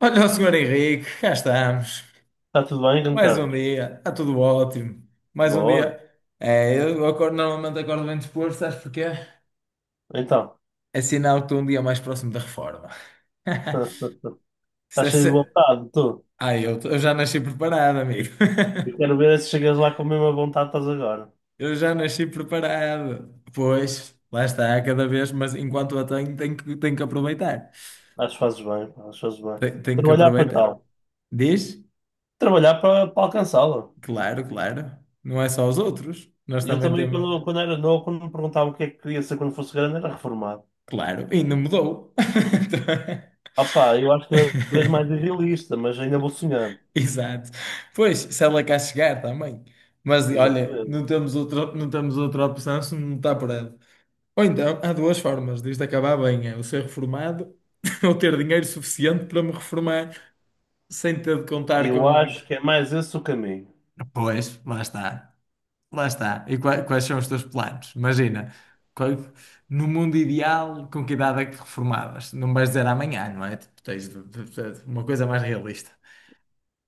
Olha o senhor Henrique, cá estamos. Está tudo bem, grande Mais um Carlos? dia, está tudo ótimo. Mais um Boa. dia. É, eu acordo, normalmente acordo bem disposto, sabes porquê? Então, É sinal que estou um dia mais próximo da reforma. Isso estás é cheio de se- vontade, tu. Ai, eu já nasci preparado, amigo. Eu quero ver se chegas lá com a mesma vontade que estás agora. Eu já nasci preparado. Pois, lá está, cada vez, mas enquanto a tenho, tenho que aproveitar. Acho que fazes bem, pá, acho que fazes bem. Tenho que Trabalhar para aproveitar. tal. Diz? Trabalhar para alcançá-la. Claro, claro. Não é só os outros, nós Eu também também, temos. quando era novo, quando me perguntavam o que é que queria ser quando fosse grande, era reformado. Claro, e não mudou. Ah pá, eu acho que cada vez mais irrealista, mas ainda vou sonhando. Exato. Pois, se ela cá chegar também. Mas olha, Exatamente. Não temos outra opção se não está por ela. Ou então, há duas formas disto acabar bem: é eu ser reformado ou ter dinheiro suficiente para me reformar sem ter de contar Eu com. acho que é mais esse o caminho. Pois, lá está. Lá está. E quais são os teus planos? Imagina, qual- no mundo ideal, com que idade é que te reformavas? Não vais dizer amanhã, não é? Tipo, tens de- uma coisa mais realista.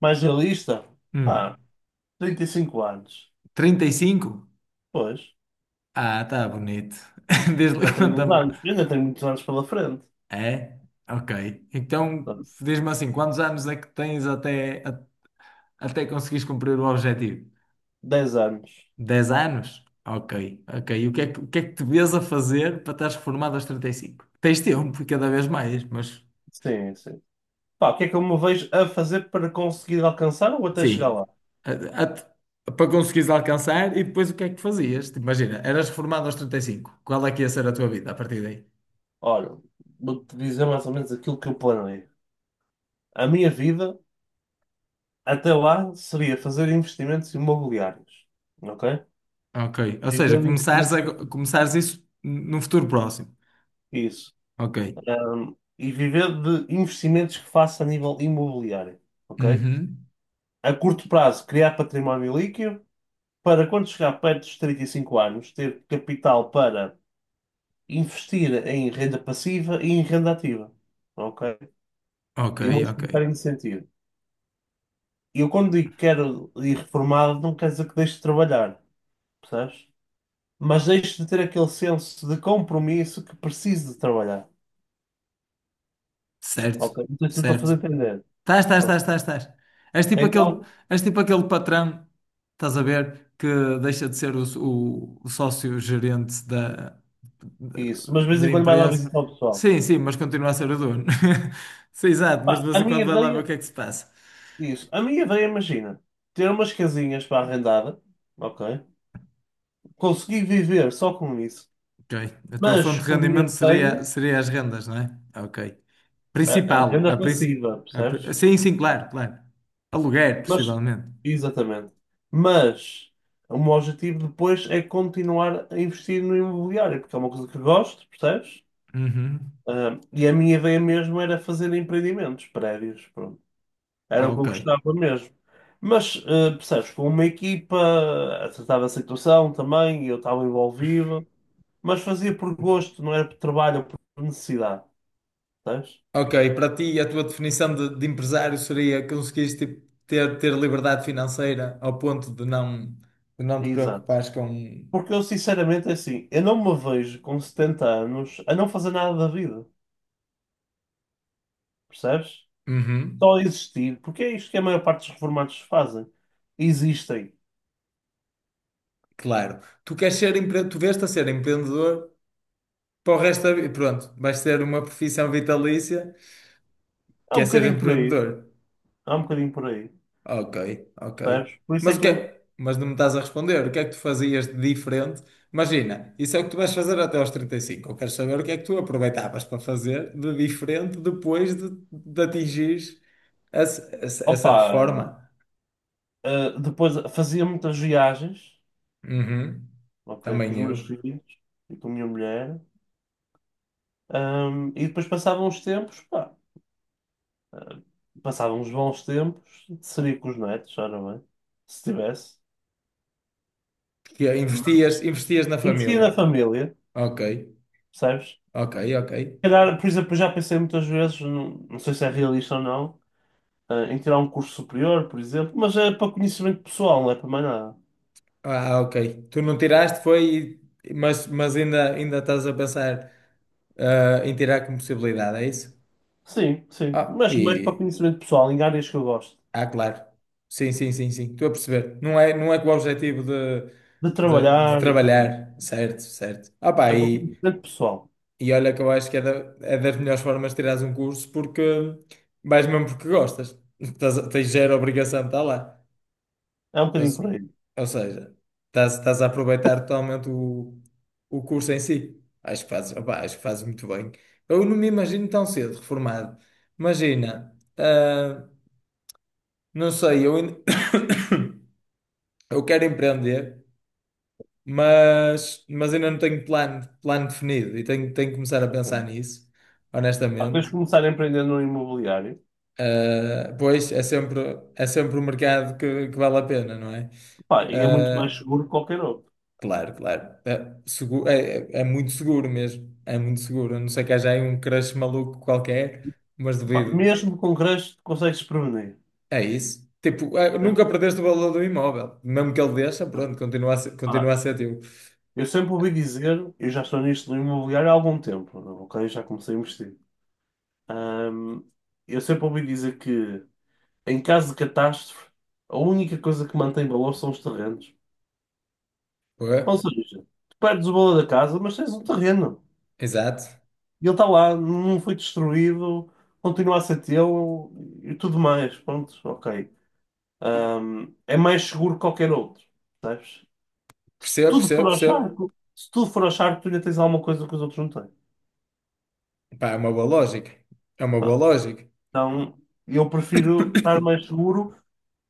Mais realista? Hum, Ah, 35 anos. 35? Pois, Ah, tá bonito. Diz-me, já tenho uns conta-me. anos. Eu ainda tenho muitos anos pela frente. É? Ok. Então, Dez diz-me assim, quantos anos é que tens até, a- até conseguires cumprir o objetivo? anos. 10 anos? Ok, ok. E o que é que te vês a fazer para estares reformado aos 35? Tens tempo, e cada vez mais, mas Sim, sim. Pá, o que é que eu me vejo a fazer para conseguir alcançar ou até chegar sim. lá? A- a- Para conseguires alcançar e depois o que é que fazias? Tipo, imagina, eras reformado aos 35. Qual é que ia ser a tua vida a partir daí? Olha, vou-te dizer mais ou menos aquilo que eu planei. A minha vida até lá seria fazer investimentos imobiliários, ok? Ok. Ou seja, Viver de investimentos. começares isso num futuro próximo. Isso. Ok. E viver de investimentos que faça a nível imobiliário, ok? Uhum. A curto prazo, criar património líquido para quando chegar perto dos 35 anos, ter capital para investir em renda passiva e em renda ativa. Ok? Ok, Eu vou ok. explicar em que sentido. Eu, quando digo que quero ir reformado, não quer dizer que deixe de trabalhar, percebes? Mas deixe de ter aquele senso de compromisso que preciso de trabalhar. Certo, Ok? Não sei se me estou a certo. fazer entender. Estás, estás, Pronto. estás, estás, estás. És tipo aquele, Então, és tipo aquele patrão, estás a ver, que deixa de ser o sócio-gerente da, isso. Mas de vez em da quando vai lá empresa. visitar o pessoal. Sim, sim, mas continua a ser o dono. Sim, exato, mas Pá, de a vez em minha quando vai lá ver o ideia, que é que se passa. isso. A minha ideia, imagina, ter umas casinhas para arrendar, ok? Consegui viver só com isso, Ok. A tua mas fonte de com o rendimento dinheiro que seria, tenho. seria as rendas, não é? Ok. A Principal. renda A princi passiva, a percebes? pri- sim, sim, claro, claro. Aluguer, Mas, possivelmente. exatamente. Mas o meu objetivo depois é continuar a investir no imobiliário, porque é uma coisa que gosto, percebes? Uhum. Ah, e a minha ideia mesmo era fazer empreendimentos, prédios, pronto. Era Ah, o que eu ok. gostava mesmo. Mas, percebes, com uma equipa, tratava a tratar situação também, eu estava envolvido, mas fazia por gosto, não era por trabalho ou por necessidade, percebes? Ok, para ti, a tua de empresário seria conseguires tipo, ter liberdade financeira ao ponto de não te Exato. preocupares com. Porque eu, sinceramente, é assim, eu não me vejo com 70 anos a não fazer nada da vida, percebes? Uhum, Só existir, porque é isto que a maior parte dos reformados fazem. Existem. claro. Tu queres ser empre... tu vês-te a ser empreendedor para o resto da vida. Pronto, vais ter uma profissão vitalícia Há que um é ser bocadinho por aí, empreendedor. há um bocadinho por aí, Ok, ok. percebes? Por isso é Mas o que que eu, é? Mas não me estás a responder. O que é que tu fazias de diferente? Imagina, isso é o que tu vais fazer até aos 35. Eu quero saber o que é que tu aproveitavas para fazer de diferente de atingires essa opa, reforma. ah, depois fazia muitas viagens, Uhum. ok, com os Também meus eu. filhos e com a minha mulher, e depois passavam os tempos, pá, passavam os bons tempos, seria com os netos, ora bem, se tivesse. Que é, investias na Investia na família. família, Ok, percebes? ok, ok. Calhar, por exemplo, eu já pensei muitas vezes, não sei se é realista ou não, em tirar um curso superior, por exemplo, mas é para conhecimento pessoal, não é para mais nada. Ah, ok. Tu não tiraste, foi, mas ainda, ainda estás a pensar, ah, em tirar como possibilidade, é isso? Sim, sim, Ah, mas mais para e... conhecimento pessoal, em áreas que eu gosto, ah, claro. Sim, sim, sim, sim. Estou a perceber. Não é com o objetivo de, de de trabalhar e tudo mais. trabalhar. Certo, certo. Ah, pá, É para conhecimento pessoal, e olha que eu acho que é, é das melhores formas de tirares um curso porque vais mesmo porque gostas. Tens zero obrigação de estar lá. é um Ou, bocadinho por aí. ou seja, estás a aproveitar totalmente o curso em si. Acho que fazes, opá, acho que fazes muito bem. Eu não me imagino tão cedo reformado. Imagina. Não sei, eu quero empreender, mas ainda não tenho plano definido e tenho que começar a pensar Ok? nisso, Há pessoas que honestamente. começarem a empreender no imobiliário, Ah, pois é sempre, é sempre o mercado que vale a pena, não é? pá, e é muito mais Ah, seguro que qualquer outro. claro, claro. É muito seguro mesmo. É muito seguro. A não ser que haja aí um crush maluco qualquer, mas Pá, duvido. mesmo com creche, consegues prevenir. É isso. Nunca perdeste o valor do imóvel. Mesmo que ele deixa, pronto, Percebes? Continua a ser teu. Eu sempre ouvi dizer, eu já estou nisto do imobiliário há algum tempo, ok? Já comecei a investir. Ahm, eu sempre ouvi dizer que, em caso de catástrofe, a única coisa que mantém valor são os terrenos. Pô. Ou seja, tu perdes o valor da casa, mas tens um terreno. Exato. E ele está lá, não foi destruído, continua a ser teu e tudo mais. Pronto, ok. É mais seguro que qualquer outro, sabes? Se Percebo, tudo percebo, for ao percebo. charco, se tudo for ao charco, tu ainda tens alguma coisa que os outros não têm. Pá, é uma boa lógica. É uma boa Pá, lógica. então, eu prefiro estar mais seguro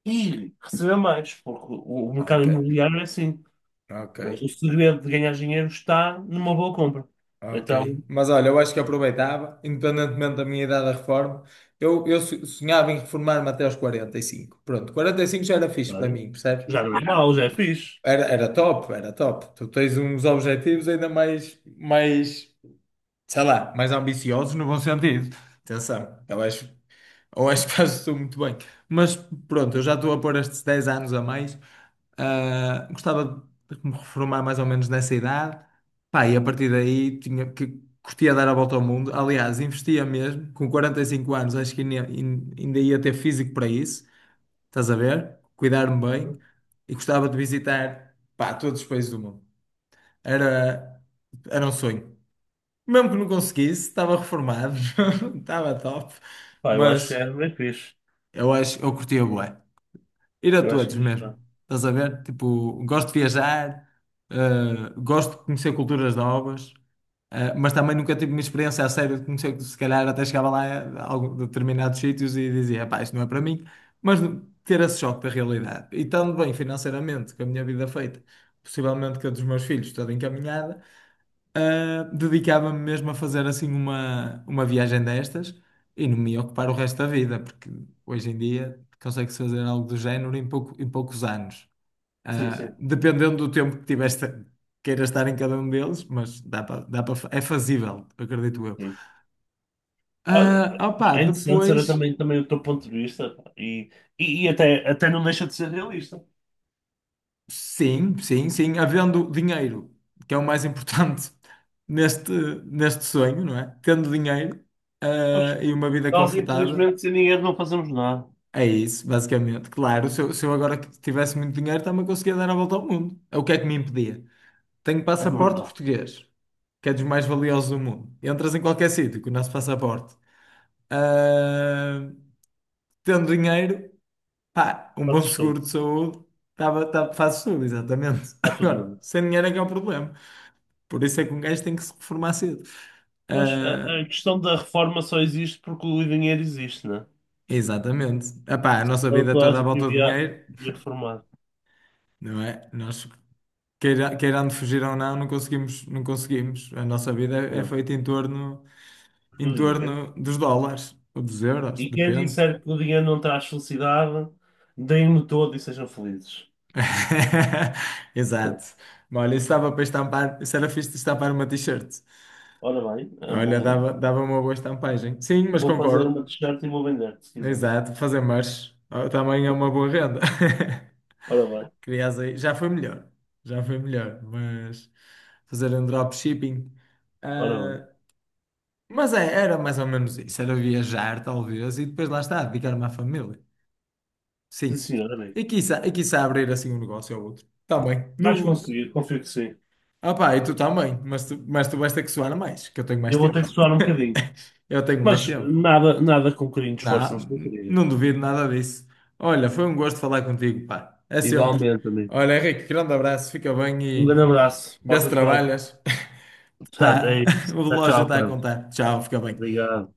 e receber mais, porque o mercado Ok, imobiliário é assim. ok, Não é? O segredo de ganhar dinheiro está numa boa compra. Então, ok. Mas olha, eu acho que aproveitava, independentemente da minha idade da reforma, sonhava em reformar-me até aos 45. Pronto, 45 já era fixe para claro, mim, percebes? já não é mau, já é fixe. Era top, era top. Tu tens uns objetivos ainda sei lá, mais ambiciosos no bom sentido. Atenção, eu acho. Ou acho que fazes tudo muito bem. Mas pronto, eu já estou a pôr estes 10 anos a mais. Ah, gostava de me reformar mais ou menos nessa idade. Pá, e a partir daí tinha que curtia dar a volta ao mundo. Aliás, investia mesmo. Com 45 anos, acho que ainda ia ter físico para isso. Estás a ver? Cuidar-me bem. Uhum. E gostava de visitar, pá, todos os países do mundo. Era, era um sonho. Mesmo que não conseguisse, estava reformado, estava top. Pá, eu acho que já Mas é bem fixe. eu acho, eu curtia bué. Ir a Eu acho todos que isto mesmo. está. Estás a ver? Tipo, gosto de viajar, eh, gosto de conhecer culturas novas, mas também nunca tive uma experiência a sério de conhecer, se calhar até chegava lá a algum, determinados sítios e dizia, pá, isto não é para mim, mas ter esse choque da realidade. E estando bem financeiramente, com a minha vida feita, possivelmente com a dos meus filhos toda encaminhada. Dedicava-me mesmo a fazer assim uma viagem destas e não me ia ocupar o resto da vida, porque hoje em dia consegue-se fazer algo do género em pouco, em poucos anos. Sim, sim. Dependendo do tempo que tiveste, queiras estar em cada um deles, mas dá para, é fazível, acredito eu. Sim. Ah, é interessante saber Depois, também, também o teu ponto de vista pá. E até, até não deixa de ser realista. sim, sim, sim, havendo dinheiro, que é o mais importante neste, neste sonho, não é? Tendo dinheiro, Pois, e uma vida nós, confortável. infelizmente, sem dinheiro não fazemos nada. É isso, basicamente. Claro, se eu agora tivesse muito dinheiro, também conseguia dar a volta ao mundo. É o que é que me impedia? Tenho É passaporte verdade. português, que é dos mais valiosos do mundo. Entras em qualquer sítio com o nosso passaporte. Ah, tendo dinheiro, pá, um Está bom seguro tudo, de saúde, tava, fazes tudo, exatamente. está tudo na Agora, mão. sem dinheiro é que é o problema. Por isso é que um gajo tem que se reformar cedo. Mas Ah, a questão da reforma só existe porque o dinheiro existe, né? exatamente. Epá, a nossa Então vida é toda a toda à gente volta do devia, dinheiro, devia reformar. não é? Nós queirando fugir ou não, não conseguimos, não conseguimos. A nossa vida é, é Não, feita do em dinheiro. torno dos dólares ou dos euros, E quem depende. disser que o dinheiro não traz felicidade, deem-no todo e sejam felizes. Exato. Mas olha, isso estava para estampar, isso era fixe de estampar uma t-shirt. Ora bem, é Olha, bom- dava uma boa estampagem. Sim, mas vou fazer uma concordo. t-shirt e vou vender, se quiseres. Exato, fazer merch ah, também é uma boa renda. Ora bem, Crias aí, já foi melhor, mas fazer um dropshipping. ora bem. ah, Mas é, era mais ou menos isso, era viajar talvez e depois lá está, dedicar-me à família. Sim, Sim. senhora, bem. E quiçá abrir assim um negócio ou outro. Também. Vais No... conseguir, confio que sim. Ah pá, e tu também, mas tu vais ter que suar mais, que eu tenho E mais eu vou ter que tempo. suar um bocadinho. Eu tenho mais Mas tempo. nada, nada com um bocadinho de esforço, não se Não, consegue. não duvido nada disso. Olha, foi um gosto falar contigo, pá. É sempre. Igualmente, amigo. Olha, Henrique, grande abraço, fica bem Um grande e abraço. vê se Porta-te bem. trabalhas. Tá, é isso. o Tchau, relógio tchau, está a Carlos. contar. Tchau, fica bem. Obrigado.